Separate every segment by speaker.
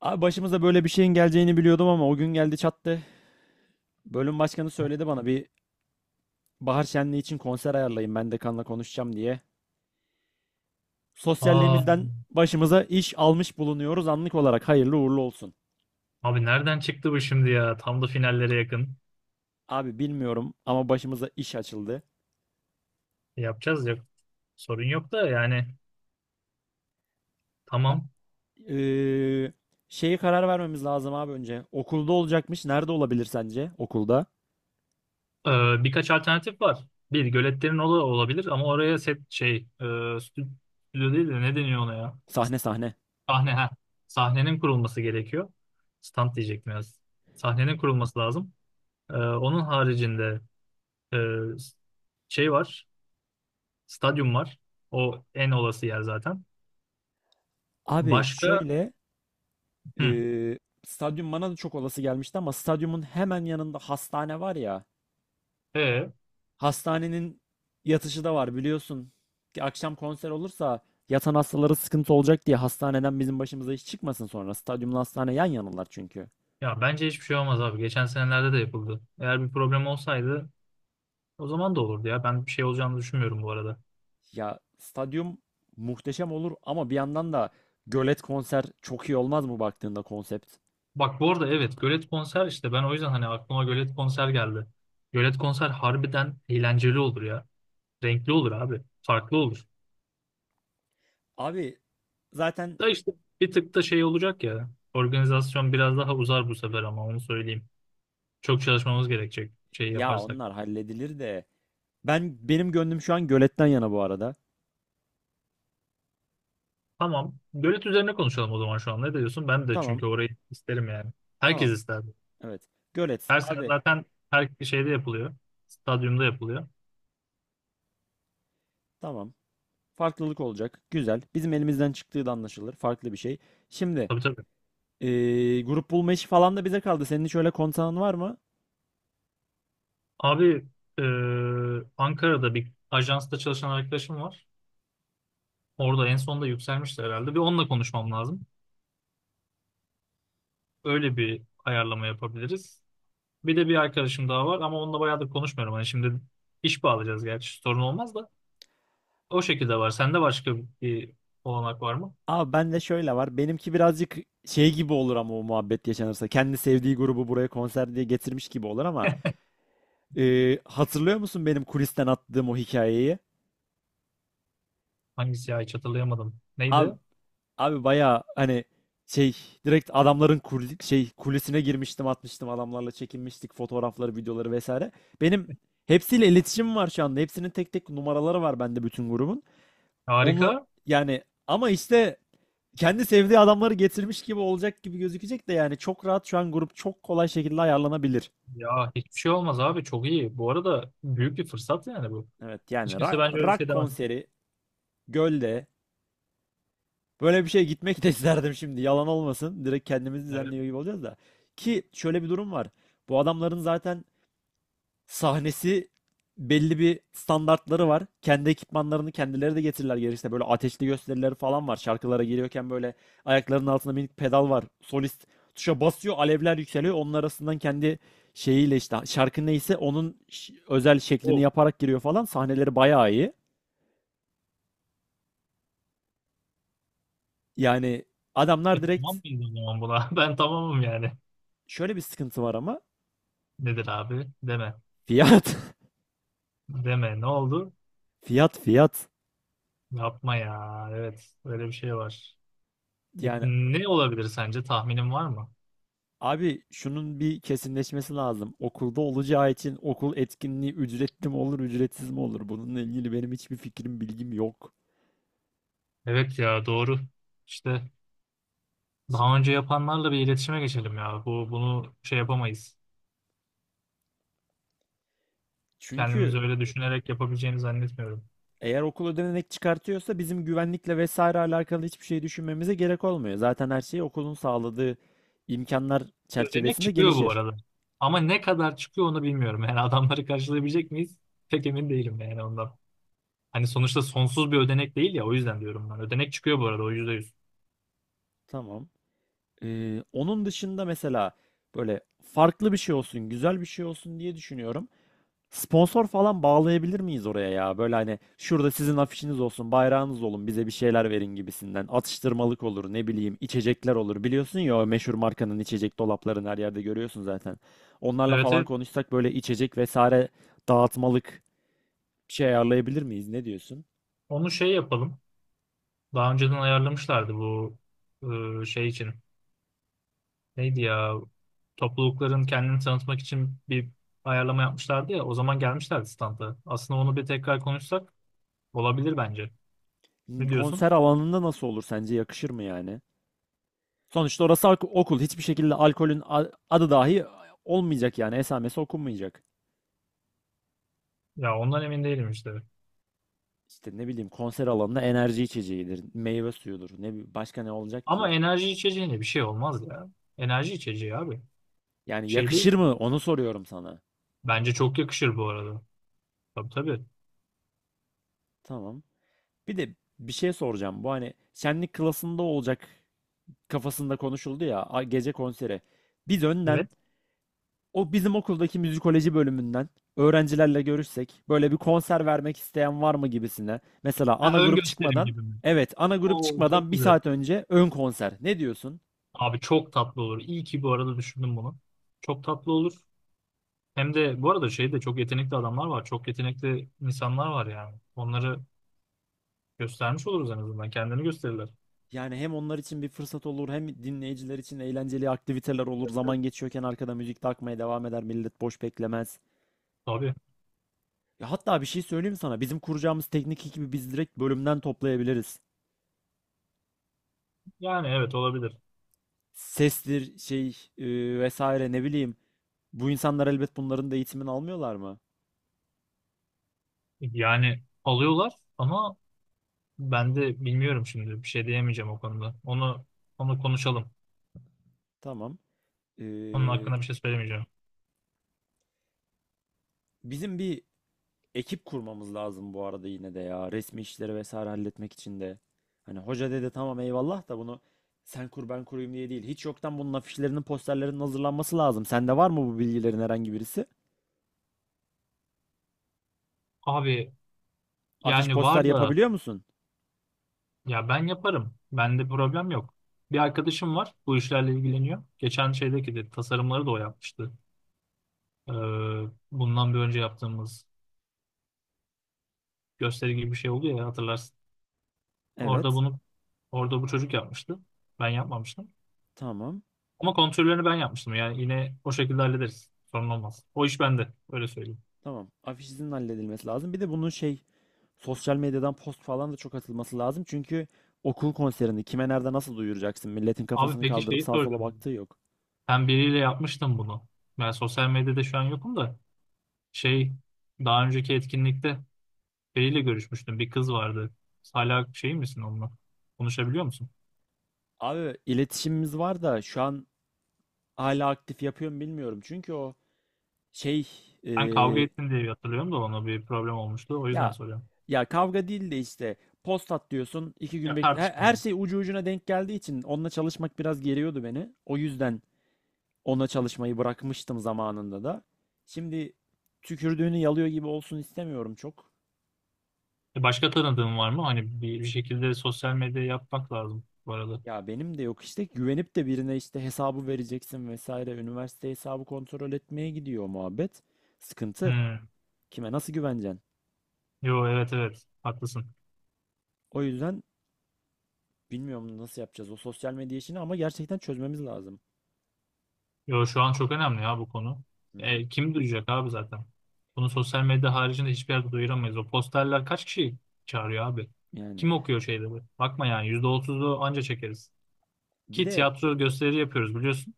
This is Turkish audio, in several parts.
Speaker 1: Abi başımıza böyle bir şeyin geleceğini biliyordum ama o gün geldi çattı. Bölüm başkanı söyledi bana bir bahar şenliği için konser ayarlayın ben dekanla konuşacağım diye.
Speaker 2: Aa,
Speaker 1: Sosyalliğimizden başımıza iş almış bulunuyoruz anlık olarak hayırlı uğurlu olsun.
Speaker 2: abi nereden çıktı bu şimdi ya? Tam da finallere yakın.
Speaker 1: Abi bilmiyorum ama başımıza iş açıldı.
Speaker 2: Yapacağız ya. Sorun yok da yani
Speaker 1: A-
Speaker 2: tamam.
Speaker 1: Eee şeyi karar vermemiz lazım abi önce. Okulda olacakmış. Nerede olabilir sence? Okulda.
Speaker 2: Ee, Birkaç alternatif var. Bir göletlerin olabilir ama oraya set stüdyo değil de ne deniyor ona ya?
Speaker 1: Sahne sahne.
Speaker 2: Sahne ha. Sahnenin kurulması gerekiyor. Stand diyecektim ya. Sahnenin kurulması lazım. Onun haricinde e, şey var. Stadyum var. O en olası yer zaten.
Speaker 1: Abi
Speaker 2: Başka
Speaker 1: şöyle
Speaker 2: hı,
Speaker 1: eee stadyum bana da çok olası gelmişti ama stadyumun hemen yanında hastane var ya.
Speaker 2: e
Speaker 1: Hastanenin yatışı da var biliyorsun. Ki akşam konser olursa yatan hastalara sıkıntı olacak diye hastaneden bizim başımıza iş çıkmasın sonra. Stadyumla hastane yan yanalar çünkü.
Speaker 2: Ya bence hiçbir şey olmaz abi. Geçen senelerde de yapıldı. Eğer bir problem olsaydı o zaman da olurdu ya. Ben bir şey olacağını düşünmüyorum bu arada.
Speaker 1: Ya stadyum muhteşem olur ama bir yandan da gölet konser çok iyi olmaz mı baktığında konsept?
Speaker 2: Bak bu arada evet, gölet konser işte ben o yüzden hani aklıma gölet konser geldi. Gölet konser harbiden eğlenceli olur ya. Renkli olur abi. Farklı olur.
Speaker 1: Abi zaten
Speaker 2: Da işte bir tık da şey olacak ya. Organizasyon biraz daha uzar bu sefer ama onu söyleyeyim. Çok çalışmamız gerekecek şey
Speaker 1: ya
Speaker 2: yaparsak.
Speaker 1: onlar halledilir de benim gönlüm şu an göletten yana bu arada.
Speaker 2: Tamam. Gölet üzerine konuşalım o zaman şu an. Ne diyorsun? Ben de
Speaker 1: Tamam,
Speaker 2: çünkü orayı isterim yani. Herkes
Speaker 1: tamam.
Speaker 2: ister.
Speaker 1: Evet. Gölet
Speaker 2: Her sene
Speaker 1: abi.
Speaker 2: zaten her şeyde yapılıyor. Stadyumda yapılıyor.
Speaker 1: Tamam. Farklılık olacak. Güzel. Bizim elimizden çıktığı da anlaşılır. Farklı bir şey. Şimdi
Speaker 2: Tabii tabii.
Speaker 1: grup bulma işi falan da bize kaldı. Senin şöyle öyle konsanın var mı?
Speaker 2: Abi e, Ankara'da bir ajansta çalışan arkadaşım var. Orada en sonunda yükselmişti herhalde. Bir onunla konuşmam lazım. Öyle bir ayarlama yapabiliriz. Bir de bir arkadaşım daha var ama onunla bayağıdır konuşmuyorum. Hani şimdi iş bağlayacağız gerçi sorun olmaz da. O şekilde var. Sende başka bir olanak var mı?
Speaker 1: Abi bende şöyle var. Benimki birazcık şey gibi olur ama o muhabbet yaşanırsa. Kendi sevdiği grubu buraya konser diye getirmiş gibi olur ama hatırlıyor musun benim kulisten attığım o hikayeyi?
Speaker 2: Hangisi ya, hiç hatırlayamadım.
Speaker 1: Abi
Speaker 2: Neydi?
Speaker 1: Abi bayağı hani şey direkt adamların kulesine girmiştim, atmıştım, adamlarla çekinmiştik fotoğrafları, videoları vesaire. Benim hepsiyle iletişimim var şu anda. Hepsinin tek tek numaraları var bende bütün grubun. Onunla
Speaker 2: Harika.
Speaker 1: yani ama işte kendi sevdiği adamları getirmiş gibi olacak gibi gözükecek de yani çok rahat şu an grup çok kolay şekilde ayarlanabilir.
Speaker 2: Ya hiçbir şey olmaz abi çok iyi. Bu arada büyük bir fırsat yani bu.
Speaker 1: Evet yani
Speaker 2: Hiç kimse bence öyle bir
Speaker 1: rock
Speaker 2: şey demez.
Speaker 1: konseri gölde. Böyle bir şeye gitmek de isterdim şimdi. Yalan olmasın. Direkt kendimizi
Speaker 2: Evet.
Speaker 1: düzenliyor gibi olacağız da. Ki şöyle bir durum var. Bu adamların zaten sahnesi belli bir standartları var. Kendi ekipmanlarını kendileri de getirirler gerekirse. Böyle ateşli gösterileri falan var. Şarkılara giriyorken böyle ayaklarının altında minik pedal var. Solist tuşa basıyor, alevler yükseliyor. Onun arasından kendi şeyiyle işte şarkı neyse onun özel şeklini
Speaker 2: O.
Speaker 1: yaparak giriyor falan. Sahneleri bayağı iyi. Yani
Speaker 2: E
Speaker 1: adamlar
Speaker 2: tamam
Speaker 1: direkt
Speaker 2: mıyız o zaman buna? Ben tamamım yani.
Speaker 1: şöyle bir sıkıntı var ama
Speaker 2: Nedir abi? Deme.
Speaker 1: fiyat.
Speaker 2: Deme. Ne oldu?
Speaker 1: Fiyat fiyat.
Speaker 2: Yapma ya. Evet. Öyle bir şey var. Peki
Speaker 1: Yani
Speaker 2: ne olabilir sence? Tahminin var mı?
Speaker 1: abi şunun bir kesinleşmesi lazım. Okulda olacağı için okul etkinliği ücretli mi olur, ücretsiz mi olur? Bununla ilgili benim hiçbir fikrim, bilgim yok.
Speaker 2: Evet ya doğru. İşte daha
Speaker 1: Şimdi,
Speaker 2: önce yapanlarla bir iletişime geçelim ya. Bu bunu şey yapamayız. Kendimiz
Speaker 1: çünkü
Speaker 2: öyle düşünerek yapabileceğini zannetmiyorum.
Speaker 1: eğer okul ödenek çıkartıyorsa bizim güvenlikle vesaire alakalı hiçbir şey düşünmemize gerek olmuyor. Zaten her şey okulun sağladığı imkanlar
Speaker 2: Ödenek
Speaker 1: çerçevesinde
Speaker 2: çıkıyor bu
Speaker 1: gelişir.
Speaker 2: arada. Ama ne kadar çıkıyor onu bilmiyorum. Yani adamları karşılayabilecek miyiz? Pek emin değilim yani ondan. Hani sonuçta sonsuz bir ödenek değil ya, o yüzden diyorum ben. Ödenek çıkıyor bu arada o yüzde yüz.
Speaker 1: Tamam. Onun dışında mesela böyle farklı bir şey olsun, güzel bir şey olsun diye düşünüyorum. Sponsor falan bağlayabilir miyiz oraya ya? Böyle hani şurada sizin afişiniz olsun, bayrağınız olun, bize bir şeyler verin gibisinden. Atıştırmalık olur, ne bileyim, içecekler olur. Biliyorsun ya o meşhur markanın içecek dolaplarını her yerde görüyorsun zaten. Onlarla
Speaker 2: Evet,
Speaker 1: falan
Speaker 2: evet,
Speaker 1: konuşsak böyle içecek vesaire dağıtmalık bir şey ayarlayabilir miyiz? Ne diyorsun?
Speaker 2: onu şey yapalım. Daha önceden ayarlamışlardı bu şey için. Neydi ya, toplulukların kendini tanıtmak için bir ayarlama yapmışlardı ya. O zaman gelmişlerdi standa. Aslında onu bir tekrar konuşsak olabilir bence. Ne diyorsun?
Speaker 1: Konser alanında nasıl olur sence? Yakışır mı yani? Sonuçta orası okul. Hiçbir şekilde alkolün adı dahi olmayacak yani. Esamesi okunmayacak.
Speaker 2: Ya ondan emin değilim işte.
Speaker 1: İşte ne bileyim konser alanında enerji içeceğidir, meyve suyudur. Ne başka ne olacak
Speaker 2: Ama
Speaker 1: ki?
Speaker 2: enerji içeceğine bir şey olmaz ya. Enerji içeceği abi.
Speaker 1: Yani
Speaker 2: Şey değil.
Speaker 1: yakışır mı? Onu soruyorum sana.
Speaker 2: Bence çok yakışır bu arada. Tabii tabii.
Speaker 1: Tamam. Bir de bir şey soracağım. Bu hani şenlik klasında olacak kafasında konuşuldu ya gece konseri. Biz önden
Speaker 2: Evet.
Speaker 1: o bizim okuldaki müzikoloji bölümünden öğrencilerle görüşsek böyle bir konser vermek isteyen var mı gibisine. Mesela
Speaker 2: Ha,
Speaker 1: ana
Speaker 2: ön
Speaker 1: grup
Speaker 2: gösterim
Speaker 1: çıkmadan
Speaker 2: gibi mi?
Speaker 1: evet, ana grup
Speaker 2: Oo çok
Speaker 1: çıkmadan bir
Speaker 2: güzel.
Speaker 1: saat önce ön konser. Ne diyorsun?
Speaker 2: Abi çok tatlı olur. İyi ki bu arada düşündüm bunu. Çok tatlı olur. Hem de bu arada şeyde çok yetenekli adamlar var. Çok yetenekli insanlar var yani. Onları göstermiş oluruz en azından. Kendini gösterirler.
Speaker 1: Yani hem onlar için bir fırsat olur hem dinleyiciler için eğlenceli aktiviteler olur.
Speaker 2: Evet.
Speaker 1: Zaman geçiyorken arkada müzik de akmaya devam eder. Millet boş beklemez.
Speaker 2: Tabii.
Speaker 1: Ya hatta bir şey söyleyeyim sana. Bizim kuracağımız teknik ekibi biz direkt bölümden toplayabiliriz.
Speaker 2: Yani evet olabilir.
Speaker 1: Sestir, şey, vesaire ne bileyim. Bu insanlar elbet bunların da eğitimini almıyorlar mı?
Speaker 2: Yani alıyorlar ama ben de bilmiyorum şimdi. Bir şey diyemeyeceğim o konuda. Onu konuşalım.
Speaker 1: Tamam.
Speaker 2: Onun
Speaker 1: Ee,
Speaker 2: hakkında bir şey söylemeyeceğim.
Speaker 1: Bizim bir ekip kurmamız lazım bu arada yine de ya. Resmi işleri vesaire halletmek için de. Hani hoca dedi tamam eyvallah da bunu sen kur ben kurayım diye değil. Hiç yoktan bunun afişlerinin, posterlerinin hazırlanması lazım. Sende var mı bu bilgilerin herhangi birisi?
Speaker 2: Abi
Speaker 1: Afiş
Speaker 2: yani
Speaker 1: poster
Speaker 2: var da,
Speaker 1: yapabiliyor musun?
Speaker 2: ya ben yaparım. Bende problem yok. Bir arkadaşım var. Bu işlerle ilgileniyor. Geçen şeydeki de tasarımları da o yapmıştı. Ee, Bundan bir önce yaptığımız gösteri gibi bir şey oldu ya, hatırlarsın. Orada
Speaker 1: Evet.
Speaker 2: bunu orada bu çocuk yapmıştı. Ben yapmamıştım.
Speaker 1: Tamam.
Speaker 2: Ama kontrollerini ben yapmıştım. Yani yine o şekilde hallederiz. Sorun olmaz. O iş bende. Öyle söyleyeyim.
Speaker 1: Tamam. Afişin halledilmesi lazım. Bir de bunun şey sosyal medyadan post falan da çok atılması lazım. Çünkü okul konserini kime, nerede, nasıl duyuracaksın? Milletin
Speaker 2: Abi
Speaker 1: kafasını
Speaker 2: peki
Speaker 1: kaldırıp
Speaker 2: şeyi
Speaker 1: sağa sola
Speaker 2: soracağım.
Speaker 1: baktığı yok.
Speaker 2: Ben biriyle yapmıştım bunu. Ben sosyal medyada şu an yokum da şey, daha önceki etkinlikte biriyle görüşmüştüm. Bir kız vardı. Hala şey misin onunla? Konuşabiliyor musun?
Speaker 1: Abi iletişimimiz var da şu an hala aktif yapıyorum bilmiyorum. Çünkü o şey e,
Speaker 2: Sen kavga ettin diye hatırlıyorum da, ona bir problem olmuştu. O yüzden
Speaker 1: ya
Speaker 2: soruyorum.
Speaker 1: kavga değil de işte post at diyorsun 2 gün
Speaker 2: Ya
Speaker 1: bekle. Her,
Speaker 2: tartışma.
Speaker 1: her şey ucu ucuna denk geldiği için onunla çalışmak biraz geriyordu beni. O yüzden ona çalışmayı bırakmıştım zamanında da. Şimdi tükürdüğünü yalıyor gibi olsun istemiyorum çok.
Speaker 2: Başka tanıdığın var mı? Hani bir şekilde sosyal medya yapmak lazım bu arada.
Speaker 1: Ya benim de yok işte, güvenip de birine işte hesabı vereceksin vesaire. Üniversite hesabı kontrol etmeye gidiyor muhabbet. Sıkıntı.
Speaker 2: Hmm.
Speaker 1: Kime nasıl güveneceksin?
Speaker 2: Yo evet, evet, haklısın.
Speaker 1: O yüzden bilmiyorum nasıl yapacağız o sosyal medya işini ama gerçekten çözmemiz lazım.
Speaker 2: Yo şu an çok önemli ya bu konu.
Speaker 1: Hı hı.
Speaker 2: Kim duyacak abi zaten? Bunu sosyal medya haricinde hiçbir yerde duyuramayız. O posterler kaç kişi çağırıyor abi?
Speaker 1: Yani
Speaker 2: Kim okuyor şeyleri? Bakma yani %30'u anca çekeriz.
Speaker 1: bir
Speaker 2: Ki
Speaker 1: de
Speaker 2: tiyatro gösteri yapıyoruz biliyorsun.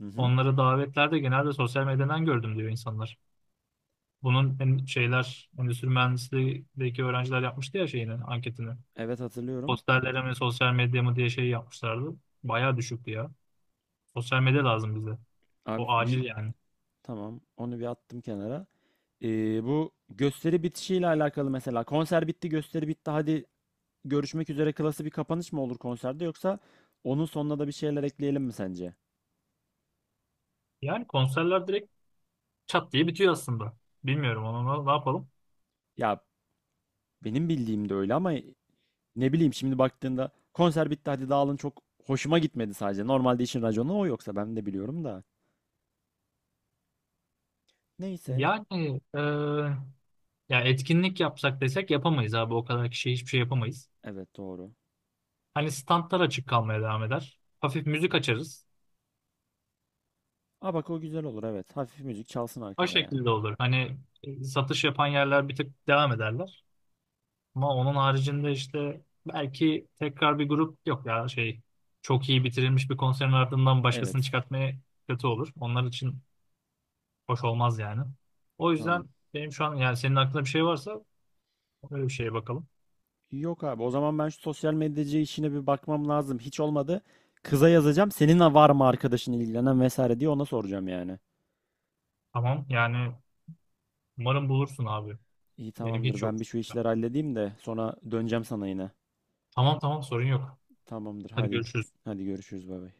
Speaker 1: hı hı.
Speaker 2: Onları davetlerde genelde sosyal medyadan gördüm diyor insanlar. Şeyler endüstri mühendisliğindeki öğrenciler yapmıştı ya şeyini anketini.
Speaker 1: Evet hatırlıyorum.
Speaker 2: Posterlere mi sosyal medya mı diye şey yapmışlardı. Bayağı düşüktü ya. Sosyal medya lazım bize.
Speaker 1: Abi
Speaker 2: O
Speaker 1: bir
Speaker 2: acil yani.
Speaker 1: Tamam, onu bir attım kenara. Bu gösteri bitişiyle alakalı mesela konser bitti, gösteri bitti, hadi görüşmek üzere klası bir kapanış mı olur konserde yoksa onun sonuna da bir şeyler ekleyelim mi sence?
Speaker 2: Yani konserler direkt çat diye bitiyor aslında. Bilmiyorum ama ne yapalım.
Speaker 1: Ya benim bildiğim de öyle ama ne bileyim şimdi baktığında konser bitti hadi dağılın çok hoşuma gitmedi sadece. Normalde işin raconu o yoksa ben de biliyorum da. Neyse.
Speaker 2: Yani ya etkinlik yapsak desek yapamayız abi. O kadar kişiye hiçbir şey yapamayız.
Speaker 1: Evet doğru.
Speaker 2: Hani standlar açık kalmaya devam eder. Hafif müzik açarız.
Speaker 1: Aa bak o güzel olur, evet. Hafif müzik çalsın
Speaker 2: O
Speaker 1: arkada yani.
Speaker 2: şekilde olur. Hani satış yapan yerler bir tık devam ederler. Ama onun haricinde işte belki tekrar bir grup yok ya, şey, çok iyi bitirilmiş bir konserin ardından başkasını
Speaker 1: Evet.
Speaker 2: çıkartmaya kötü olur. Onlar için hoş olmaz yani. O
Speaker 1: Tamam.
Speaker 2: yüzden benim şu an yani senin aklında bir şey varsa öyle bir şeye bakalım.
Speaker 1: Yok abi o zaman ben şu sosyal medyacı işine bir bakmam lazım. Hiç olmadı. Kıza yazacağım. Senin var mı arkadaşın ilgilenen vesaire diye ona soracağım yani.
Speaker 2: Tamam yani umarım bulursun abi.
Speaker 1: İyi
Speaker 2: Benim
Speaker 1: tamamdır.
Speaker 2: hiç yok.
Speaker 1: Ben bir şu işleri halledeyim de sonra döneceğim sana yine.
Speaker 2: Tamam, tamam, sorun yok.
Speaker 1: Tamamdır.
Speaker 2: Hadi
Speaker 1: Hadi
Speaker 2: görüşürüz.
Speaker 1: hadi görüşürüz bay bay.